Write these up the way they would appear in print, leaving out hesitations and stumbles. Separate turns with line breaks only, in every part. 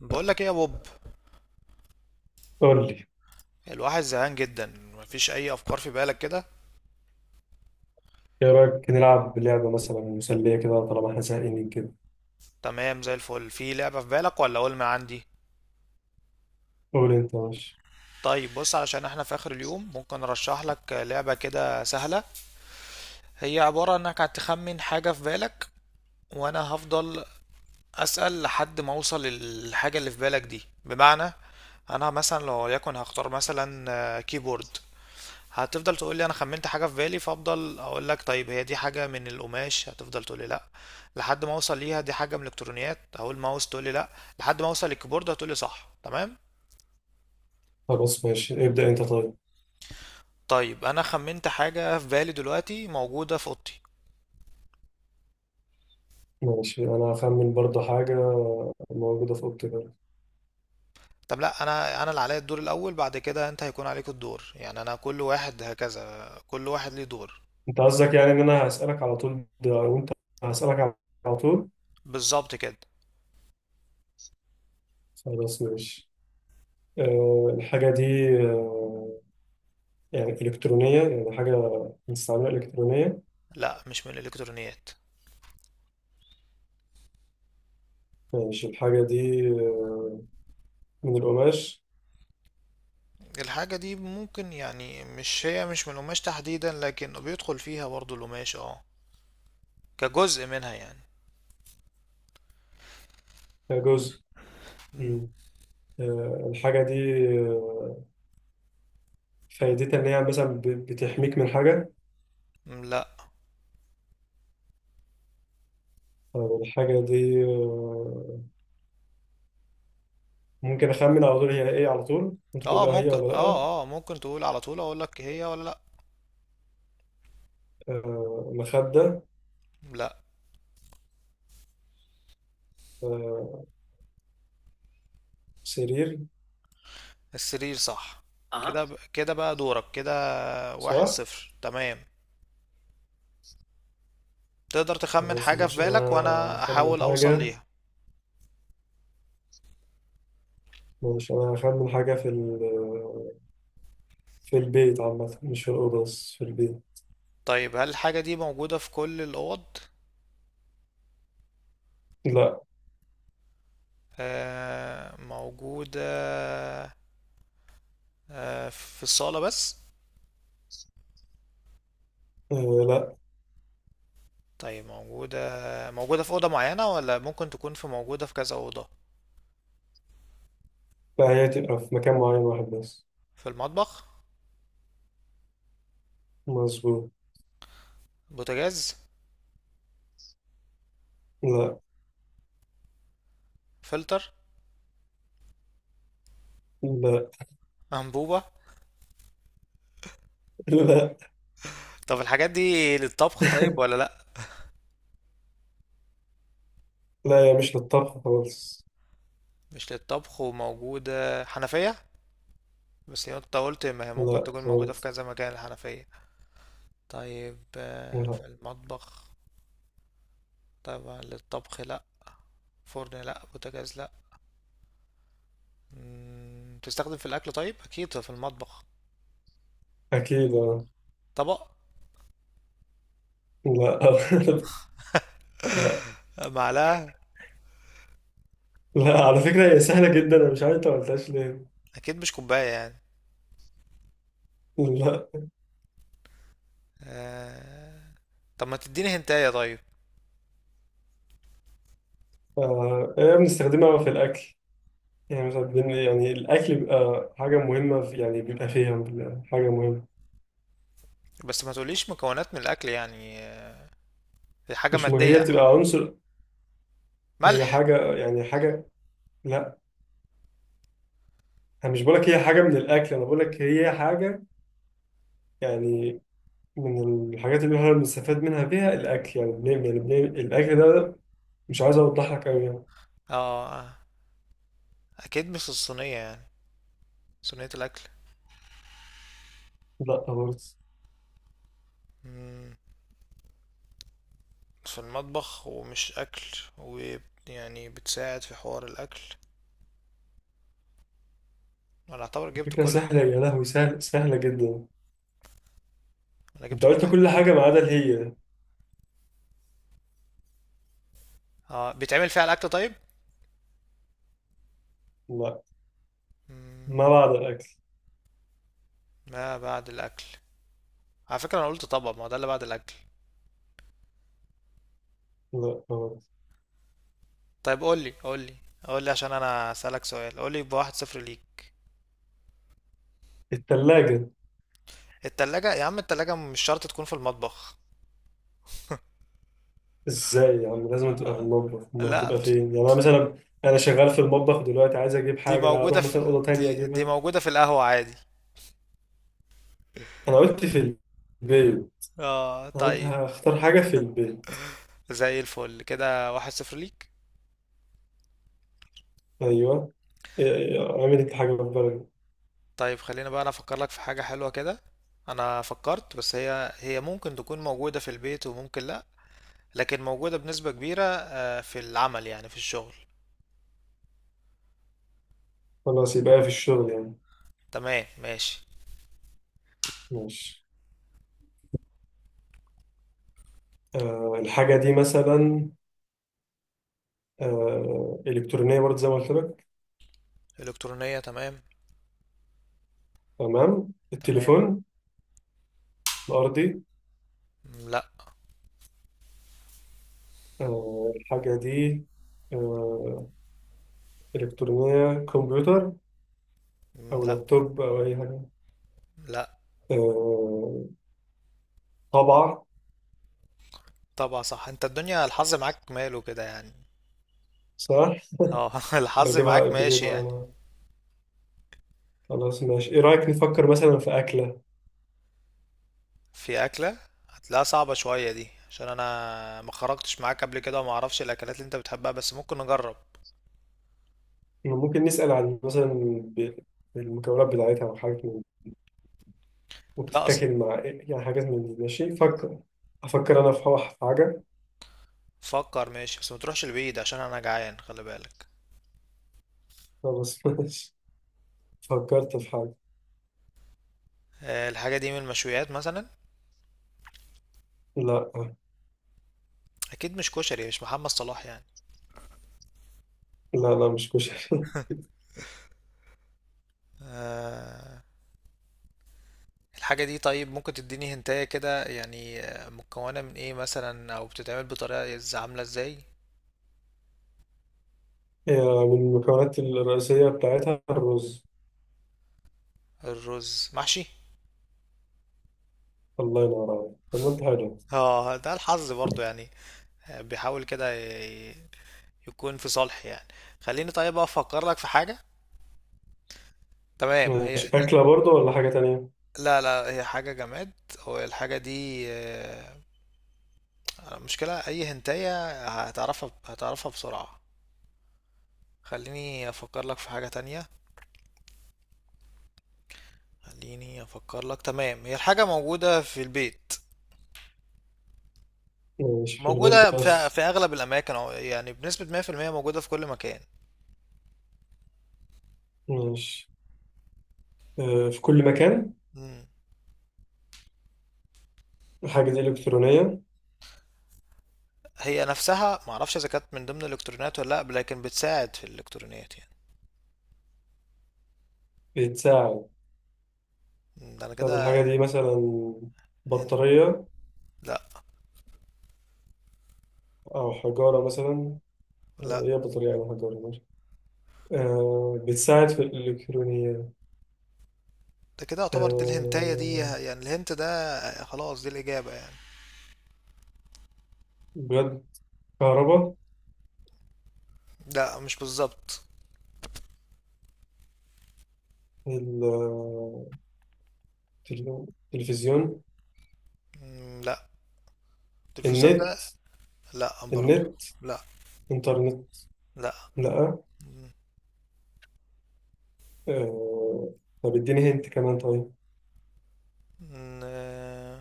بقول لك ايه يا بوب.
قول لي.
الواحد زهقان جدا. مفيش اي افكار في بالك كده؟
ايه رايك نلعب لعبه مثلا مسليه كده طالما احنا زهقانين كده؟
تمام زي الفل. في لعبة في بالك ولا اقول ما عندي؟
قول انت، ماشي.
طيب بص، علشان احنا في اخر اليوم ممكن ارشح لك لعبة كده سهلة. هي عبارة انك هتخمن حاجة في بالك وانا هفضل اسأل لحد ما اوصل للحاجة اللي في بالك دي. بمعنى انا مثلا لو يكن هختار مثلا كيبورد، هتفضل تقول لي انا خمنت حاجه في بالي، فافضل اقول لك طيب هي دي حاجه من القماش، هتفضل تقول لي لا لحد ما اوصل ليها. دي حاجه من الالكترونيات، هقول ماوس، تقول لي لا لحد ما اوصل للكيبورد، هتقول لي صح تمام.
خلاص ماشي ابدا، انت طيب.
طيب انا خمنت حاجه في بالي دلوقتي موجوده في اوضتي.
ماشي، انا هخمن برضه حاجه موجوده في اوضتي كده.
طب لا، انا اللي عليا الدور الاول، بعد كده انت هيكون عليك الدور. يعني انا كل واحد هكذا، كل واحد ليه دور.
انت قصدك يعني ان انا هسالك على طول ده، وانت هسالك على طول؟
بالظبط كده.
خلاص ماشي. الحاجه دي أه يعني الكترونيه، يعني حاجه مستعمله الكترونيه.
لا مش من الالكترونيات.
ماشي، الحاجه دي من القماش.
الحاجه دي ممكن يعني، مش هي مش من القماش تحديدا، لكن بيدخل فيها برضو القماش اه، كجزء منها يعني.
آه، جزء.
مم.
مم. الحاجه دي، آه، فايدتها إن هي مثلا بتحميك من حاجة.
مم، لا.
أو الحاجة دي، ممكن أخمن على طول، هي إيه؟ على طول ممكن تقول
اه
لها هي
ممكن،
ولا لأ؟
اه ممكن تقول على طول اقول لك هي ولا لا.
مخدة.
لا.
آه، سرير.
السرير صح.
اها.
كده بقى دورك كده. واحد
صح؟
صفر، تمام. تقدر تخمن
خلاص،
حاجة في
مش
بالك
أنا
وانا
أخمن
احاول اوصل
حاجة.
ليها.
مش أنا أخمن حاجة في في البيت عامة، مش في الأوضة بس في البيت.
طيب هل الحاجة دي موجودة في كل الاوض؟
لا.
آه موجودة. آه في الصالة بس؟
آه، لا،
طيب موجودة، موجودة في أوضة معينة ولا ممكن تكون في موجودة في كذا أوضة؟
لا، هي تبقى في مكان معين واحد بس.
في المطبخ؟
مظبوط.
بوتاجاز؟
لا،
فلتر؟
لا،
أنبوبة؟
لا،
طب الحاجات دي للطبخ طيب ولا لأ؟
لا، هي مش للطبخ خالص.
مش للطبخ وموجودة. حنفية؟ بس هي انت قلت ما هي ممكن
لا
تكون موجودة في
خالص.
كذا مكان، الحنفية. طيب
لا.
في المطبخ. طبعا للطبخ لأ. فرن لأ، بوتاجاز لأ. تستخدم في الأكل طيب، أكيد في المطبخ.
أكيد أه.
طبق؟
لا لا.
معلقة؟
لا، على فكرة هي سهلة جدا، أنا مش عارف أنت ما قلتهاش ليه.
أكيد مش كوباية يعني.
لا.
آه، طب ما تديني هنتاية طيب.
آه، هي بنستخدمها في الأكل. يعني مثلا يعني الأكل بيبقى حاجة مهمة في، يعني بيبقى فيها، بيبقى حاجة مهمة.
بس ما تقوليش مكونات من الأكل يعني دي حاجة
مش مه... هي
مادية.
بتبقى عنصر. هي
ملح؟
حاجة، يعني حاجة. لا. أنا مش بقولك هي حاجة من الأكل، أنا بقولك هي حاجة يعني من الحاجات اللي احنا بنستفاد منها فيها الأكل، يعني يعني الأكل ده. مش عايز أوضح لك أوي يعني.
اه أكيد مش الصينية يعني، صينية الأكل.
لا برضه.
مم، في المطبخ ومش أكل ويعني بتساعد في حوار الأكل. أنا أعتبر جبت
فكرة
كل
سهلة
حاجة.
يا لهوي، سهلة جدا.
أنا
انت
جبت
قلت
كل
كل
حاجة.
حاجة ما عدا الهي.
آه بيتعمل فيها الأكل طيب؟
لا، ما
مم،
بعد الأكل.
ما بعد الأكل. على فكرة أنا قلت طبعا ما هو ده اللي بعد الأكل.
لا، ما بعد.
طيب قولي، قولي عشان أنا أسألك سؤال، قولي بواحد صفر ليك.
التلاجة.
التلاجة يا عم، التلاجة مش شرط تكون في المطبخ.
ازاي يا عم، لازم تبقى في المطبخ، ما
لا
هتبقى
بت-
فين يعني؟ أنا مثلا، أنا شغال في المطبخ دلوقتي، عايز أجيب
دي
حاجة، أنا أروح
موجودة
مثلا أوضة تانية
دي
أجيبها؟
موجودة في القهوة عادي.
أنا قلت في البيت.
اه
أنا قلت
طيب.
هختار حاجة في البيت.
زي الفل كده، واحد صفر ليك.
أيوه. إيه، أعمل إنت حاجة في بالك.
طيب خلينا بقى انا افكر لك في حاجة حلوة كده. انا فكرت، بس هي ممكن تكون موجودة في البيت وممكن لا، لكن موجودة بنسبة كبيرة في العمل يعني، في الشغل.
خلاص، يبقى في الشغل يعني.
تمام ماشي.
ماشي. الحاجة دي مثلا، إلكترونية برضه زي ما قلت لك.
الكترونية تمام.
تمام.
تمام.
التليفون الأرضي.
مم، لا.
الحاجة دي، آه، إلكترونية، كمبيوتر
مم،
أو
لا.
لابتوب أو أي حاجة.
لا.
آه، طبعة.
طبعا صح، انت الدنيا الحظ معاك ماله كده يعني.
صح.
اه الحظ
بجيبها
معاك ماشي
بجيبها
يعني.
أنا. خلاص ماشي، إيه رأيك نفكر مثلا في أكلة؟
في اكلة؟ هتلاقيها صعبة شوية دي عشان انا ما خرجتش معاك قبل كده وما اعرفش الاكلات اللي انت بتحبها، بس ممكن نجرب.
ممكن نسأل عن مثلا ب- المكونات بتاعتها، أو حاجة من،
لا.
وبتتاكل مع إيه يعني، حاجات من دي. ماشي، فكر. أفكر أنا في حاجة.
فكر ماشي، بس ما تروحش البعيد عشان انا جعان، خلي بالك.
خلاص ماشي، فكرت في حاجة.
الحاجه دي من المشويات مثلا؟
لا،
اكيد مش كشري، مش محمد صلاح يعني.
لا. لا مش كشري.
آه، الحاجه دي طيب ممكن تديني هنتايه كده يعني، مكونه من ايه مثلا او بتتعمل بطريقه عامله ازاي؟
آه، من المكونات الرئيسية بتاعتها الرز.
الرز محشي.
الله ينور عليك، طب ما انت حلو.
اه ده الحظ برضو يعني. بيحاول كده يكون في صالحي يعني. خليني طيب افكر لك في حاجه. تمام هي.
ماشي، أكلة برضو ولا حاجة تانية؟
لا لا، هي حاجه جماد. هو الحاجه دي المشكلة أي هنتاية هتعرفها بسرعة. خليني أفكر لك في حاجة تانية. خليني أفكر لك. تمام هي، الحاجة موجودة في البيت.
ماشي، في البيت
موجودة
بس.
في أغلب الأماكن، أو يعني بنسبة 100% موجودة في كل مكان.
ماشي. آه، في كل مكان.
مم.
الحاجة دي إلكترونية؟
هي نفسها معرفش إذا كانت من ضمن الإلكترونيات ولا لأ، لكن بتساعد في الإلكترونيات يعني.
بتساعد.
ده أنا
طب الحاجة
كده.
دي مثلا
هنت؟
بطارية،
لأ.
أو حجارة مثلا. آه،
لأ.
هي بطارية أو حجارة، ماشي. آه، بتساعد في الإلكترونيات.
ده كده يعتبر دي الهنتاية دي
آه،
يعني، الهنت ده خلاص دي الإجابة يعني.
بجد. كهرباء.
لأ مش بالظبط.
ال- التلفزيون.
مم، لأ. التلفزيون ده؟
النت
لا برضو.
النت
لا.
إنترنت.
لا.
لأ. آه. طب إديني هنت كمان طيب.
ن-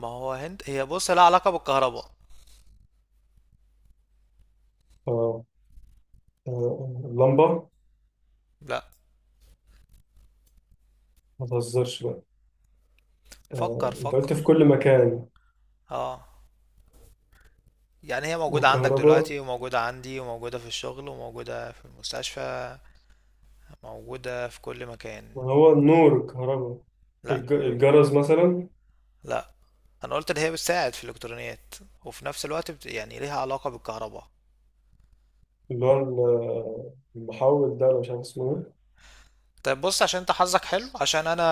ما هو هند هي، بص لها علاقة بالكهرباء.
آه. اللمبة.
لا.
ما تهزرش بقى.
فكر
أنت قلت في
فكر.
كل مكان
اه، يعني هي موجودة عندك
وكهرباء.
دلوقتي وموجودة عندي وموجودة في الشغل وموجودة في المستشفى، موجودة في كل مكان.
ما هو النور الكهرباء.
لا.
الجرس مثلا.
لا، انا قلت ان هي بتساعد في الالكترونيات وفي نفس الوقت يعني ليها علاقة بالكهرباء.
اللي هو المحول ده، أنا مش عارف اسمه إيه.
طيب بص، عشان انت حظك حلو، عشان انا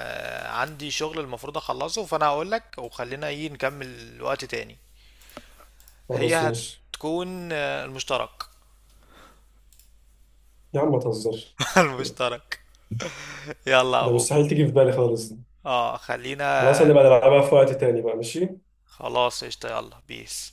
عندي شغل المفروض اخلصه، فانا هقولك وخلينا ايه نكمل وقت تاني. هي
خلاص ماشي.
هتكون المشترك.
يا عم ما تهزرش.
المشترك. يلا يا
ده
بوب.
مستحيل تيجي في بالي خالص دي.
اه خلينا.
خلاص، هنبقى نلعبها في وقت تاني بقى. ماشي.
خلاص قشطة، يلا بيس.